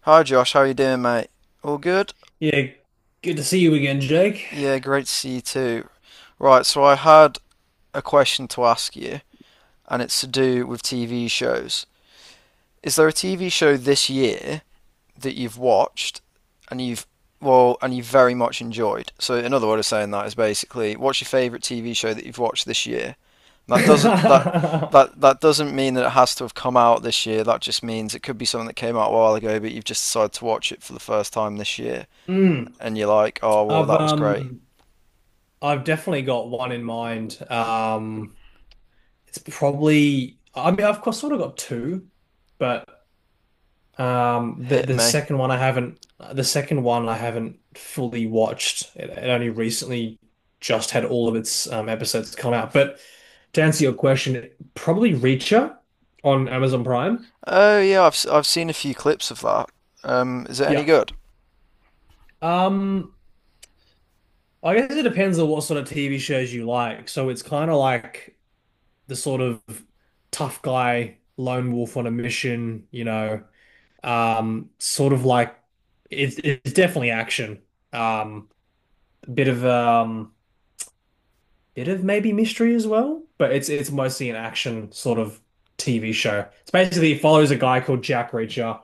Hi Josh, how you doing, mate? All good? Yeah, good to see you again, Jake. Yeah, great to see you too. Right, so I had a question to ask you, and it's to do with TV shows. Is there a TV show this year that you've watched and you've well, and you've very much enjoyed? So another way of saying that is basically, what's your favorite TV show that you've watched this year? That doesn't that that doesn't mean that it has to have come out this year. That just means it could be something that came out a while ago, but you've just decided to watch it for the first time this year. Mm, And you're like, oh well, I've that was great. um I've definitely got one in mind. It's probably I mean I've sort of got two, but um the Hit the me. second one I haven't. The second one I haven't fully watched. It only recently just had all of its episodes come out. But to answer your question, probably Reacher on Amazon Prime. Oh yeah, I've seen a few clips of that. Is it any Yeah. good? Um I guess it depends on what sort of TV shows you like. So it's kind of like the sort of tough guy, lone wolf on a mission, you know, sort of like it's definitely action. Um, a bit of maybe mystery as well, but it's mostly an action sort of TV show. It's basically it follows a guy called Jack Reacher,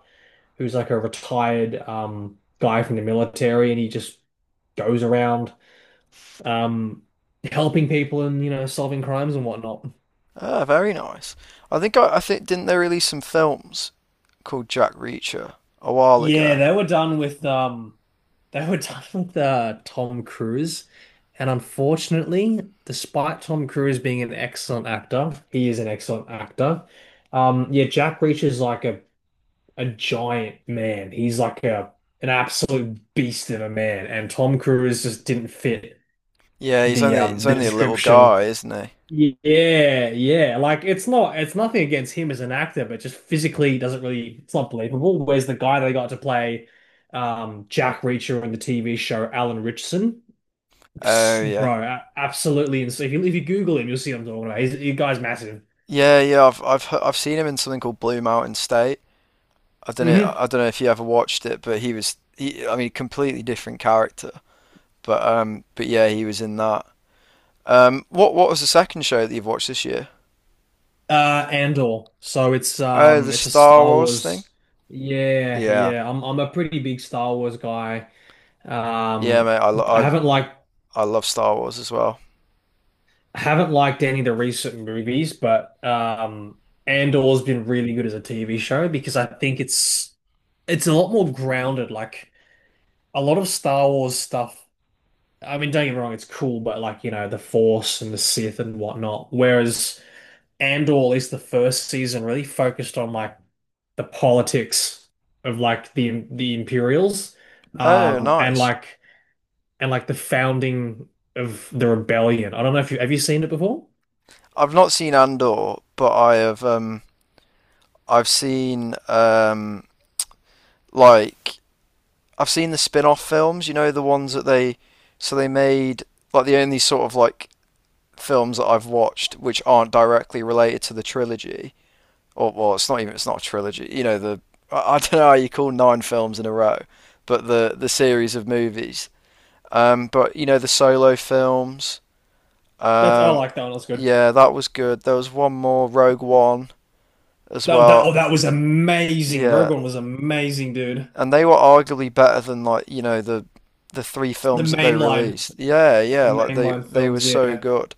who's like a retired guy from the military, and he just goes around um, helping people and you know solving crimes and whatnot. Ah, very nice. I think didn't they release some films called Jack Reacher a while Yeah, ago? they were done with They were done with Tom Cruise, and unfortunately, despite Tom Cruise being an excellent actor, he is an excellent actor. Yeah, Jack Reacher's like a giant man. He's like a an absolute beast of a man, and Tom Cruise just didn't fit Yeah, he's the only he's um the only a little description. guy, isn't he? Yeah, yeah. Like it's not it's nothing against him as an actor, but just physically he doesn't really, it's not believable. Where's the guy they got to play Jack Reacher in the TV show, Alan Richardson? Oh Psst, yeah, bro, absolutely insane. If you Google him, you'll see what I'm talking about. The guy's massive. yeah, yeah. I've seen him in something called Blue Mountain State. I don't know hmm I don't know if you ever watched it, but I mean, completely different character. But yeah, he was in that. What was the second show that you've watched this year? Andor. So Oh, the it's a Star Star Wars thing? Wars. Yeah, Yeah. yeah. I'm a pretty big Star Wars guy. Yeah, Um mate, I I love Star Wars as well. haven't liked any of the recent movies, but Andor's been really good as a TV show because I think it's a lot more grounded. Like a lot of Star Wars stuff. I mean, don't get me wrong, it's cool, but like you know, the Force and the Sith and whatnot. Whereas Andor, at least the first season, really focused on like the politics of like the Imperials, Oh, um, and nice. like and like the founding of the rebellion. I don't know if you seen it before? I've not seen Andor, but I have I've seen like I've seen the spin-off films, you know, the ones that they so they made like the only sort of like films that I've watched which aren't directly related to the trilogy. Or well, it's not a trilogy. You know, the I don't know how you call nine films in a row, but the series of movies. But you know the solo films. That's, I Um, like that one. That's good. yeah, that was good. There was one more, Rogue One as That that well. oh, that was amazing. Yeah, Rogue One was amazing, dude. and they were arguably better than like you know the three The films that they mainline, released. Yeah, the yeah, like they mainline they were films. so Yeah, good.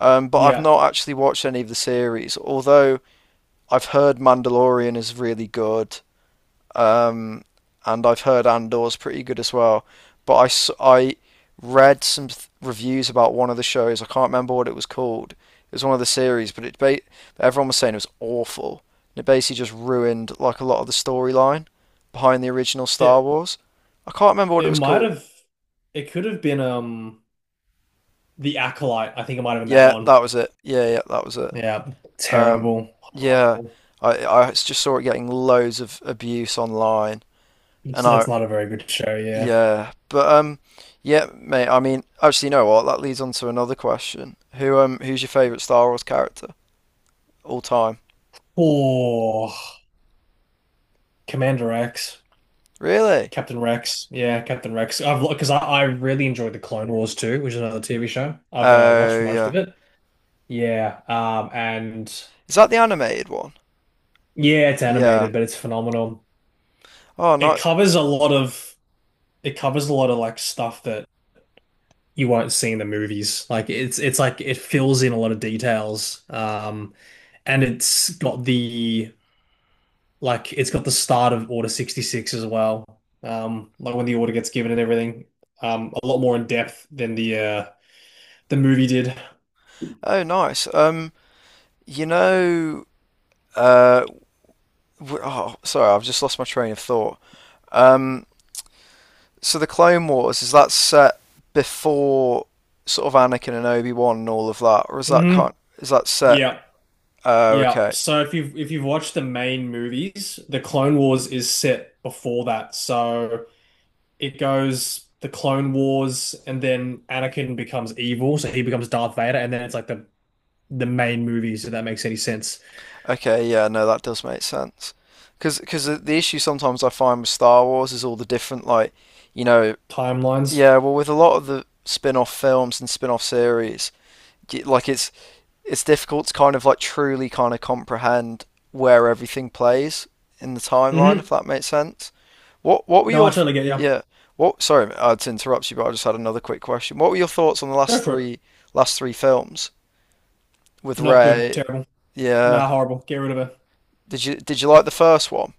But I've yeah. not actually watched any of the series, although I've heard Mandalorian is really good. um, and I've heard Andor's pretty good as well. But I read some reviews about one of the shows. I can't remember what it was called. It was one of the series, but everyone was saying it was awful. And it basically just ruined like a lot of the storyline behind the original Star It Wars. I can't remember what it it was might called. have, it could have been the Acolyte. I think it might have been that Yeah, one. that was it. Yeah, yeah, that was it. Yeah, Um, terrible, yeah, horrible. I just saw it getting loads of abuse online, It's and I that's not a very good show. Yeah. yeah, but yeah, mate. I mean, actually, you know what? That leads on to another question. Who who's your favorite Star Wars character all time? Oh, Commander Rex, Really? Captain Rex, yeah, Captain Rex. I really enjoyed the Clone Wars too, which is another TV show. I've watched Oh most of yeah. it. Yeah, and Is that the animated one? yeah, it's Yeah. animated, but it's phenomenal. Oh no. It covers a lot of, it covers a lot of like stuff that you won't see in the movies. Like it's like it fills in a lot of details. And it's got the. It's got the start of Order 66 as well. Like when the order gets given and everything. A lot more in depth than the movie did. Oh nice. You know, uh, oh sorry, I've just lost my train of thought. Um, so the Clone Wars, is that set before sort of Anakin and Obi-Wan and all of that, or is that hmm kind? Is that set? Yeah. Oh Yeah. okay. So if you've watched the main movies, the Clone Wars is set before that. So it goes the Clone Wars, and then Anakin becomes evil, so he becomes Darth Vader, and then it's like the main movies, if that makes any sense. Okay, yeah, no, that does make sense. Because the issue sometimes I find with Star Wars is all the different, like, you know, Timelines. yeah, well, with a lot of the spin-off films and spin-off series, like it's difficult to kind of like truly kind of comprehend where everything plays in the timeline, Mm-hmm. if that makes sense. What were No, I your th- totally get you. yeah? What sorry, to interrupt you, but I just had another quick question. What were your thoughts on the Go for it. Last three films with Not good. Ray? Terrible. Yeah, Nah, horrible. Get rid of it. did you like the first one?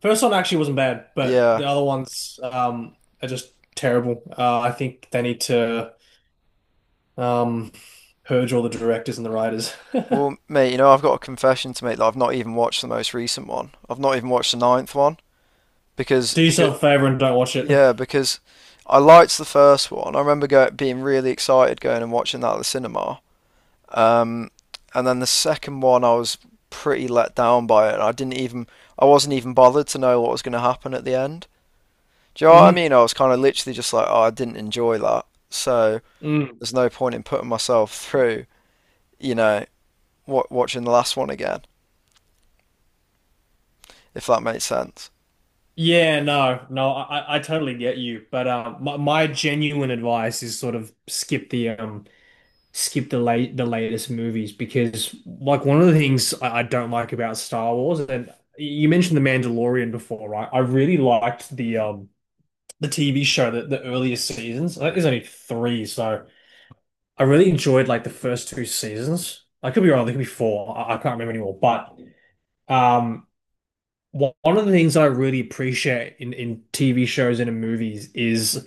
First one actually wasn't bad, but Yeah. the other ones are just terrible. I think they need to um, purge all the directors and the writers. Do Well, mate, you know, I've got a confession to make that I've not even watched the most recent one. I've not even watched the ninth one because yourself a favor and don't watch it. yeah, because I liked the first one. I remember being really excited going and watching that at the cinema. Um, and then the second one, I was pretty let down by it. I wasn't even bothered to know what was going to happen at the end. Do you know what I hmm mean? I was kind of literally just like, oh, I didn't enjoy that. So Mm. there's no point in putting myself through, you know, wa watching the last one again, if that makes sense. Yeah, no, I totally get you, but my genuine advice is sort of skip the latest movies because like one of the things I don't like about Star Wars, and you mentioned The Mandalorian before, right? I really liked the TV show, that the earliest seasons. I think there's only three, so I really enjoyed like the first two seasons. I could be wrong, there could be four. I can't remember anymore. But um, one of the things I really appreciate in TV shows and in movies is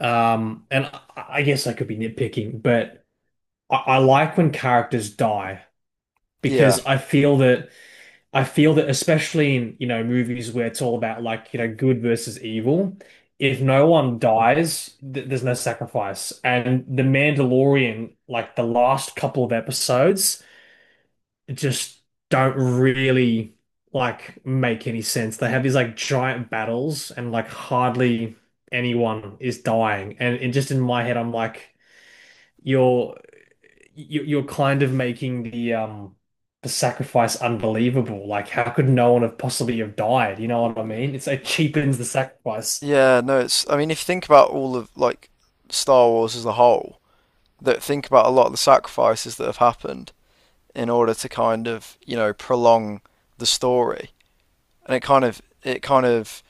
and I guess I could be nitpicking, but I like when characters die, Yeah. because I feel that, I feel that especially in, you know, movies where it's all about like, you know, good versus evil, if no one dies, th there's no sacrifice. And The Mandalorian, like the last couple of episodes, just don't really like make any sense. They have these like giant battles, and like hardly anyone is dying. And just in my head, I'm like, you're, you're kind of making the sacrifice unbelievable. Like how could no one have possibly have died? You know what I mean? It's, it cheapens the sacrifice. Yeah, no, it's I mean, if you think about all of like Star Wars as a whole, that think about a lot of the sacrifices that have happened in order to kind of, you know, prolong the story. And it kind of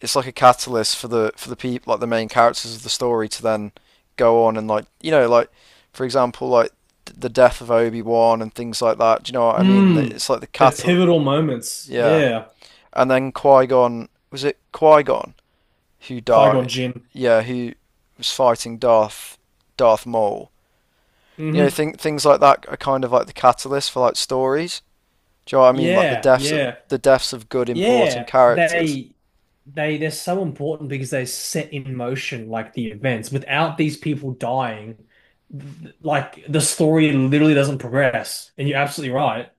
it's like a catalyst for the people, like the main characters of the story, to then go on and like you know like for example like the death of Obi-Wan and things like that. Do you know what I mean? Hmm. It's like the The catalyst. pivotal moments. Yeah. Yeah. And then Qui-Gon was it Qui-Gon, who Qui-Gon died. Jinn. Yeah, who was fighting Darth Maul. You know, Mm-hmm. think things like that are kind of like the catalyst for like stories. Do you know what I mean? Like Yeah, yeah. the deaths of good important Yeah. characters. They they're so important because they set in motion like the events. Without these people dying, like the story literally doesn't progress. And you're absolutely right.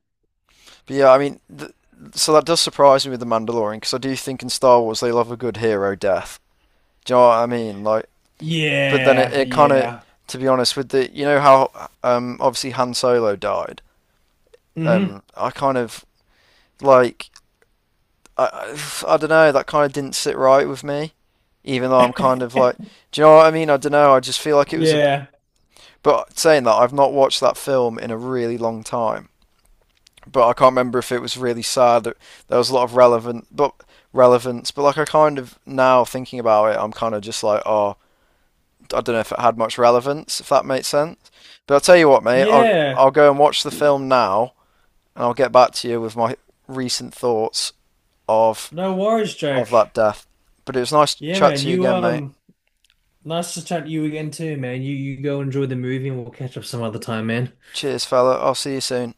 But yeah, I mean, so that does surprise me with the Mandalorian, because I do think in Star Wars they love a good hero death. Do you know what I mean? Like, but then it, Yeah, it kind of, yeah. to be honest, with the you know how obviously Han Solo died. hmm I kind of like I, I don't know. That kind of didn't sit right with me, even though I'm kind of like, do you know what I mean? I don't know. I just feel like it was a. Yeah. But saying that, I've not watched that film in a really long time. But I can't remember if it was really sad. That There was a lot of relevant, but relevance. But like, I kind of now thinking about it, I'm kind of just like, oh, I don't know if it had much relevance, if that makes sense. But I'll tell you what, mate. I'll Yeah. I'll go and watch the film now, and I'll get back to you with my recent thoughts of No worries, of that Jake. death. But it was nice to Yeah, chat man. to you You again, mate. um, nice to chat to you again too, man. You go enjoy the movie and we'll catch up some other time, man. Cheers, fella. I'll see you soon.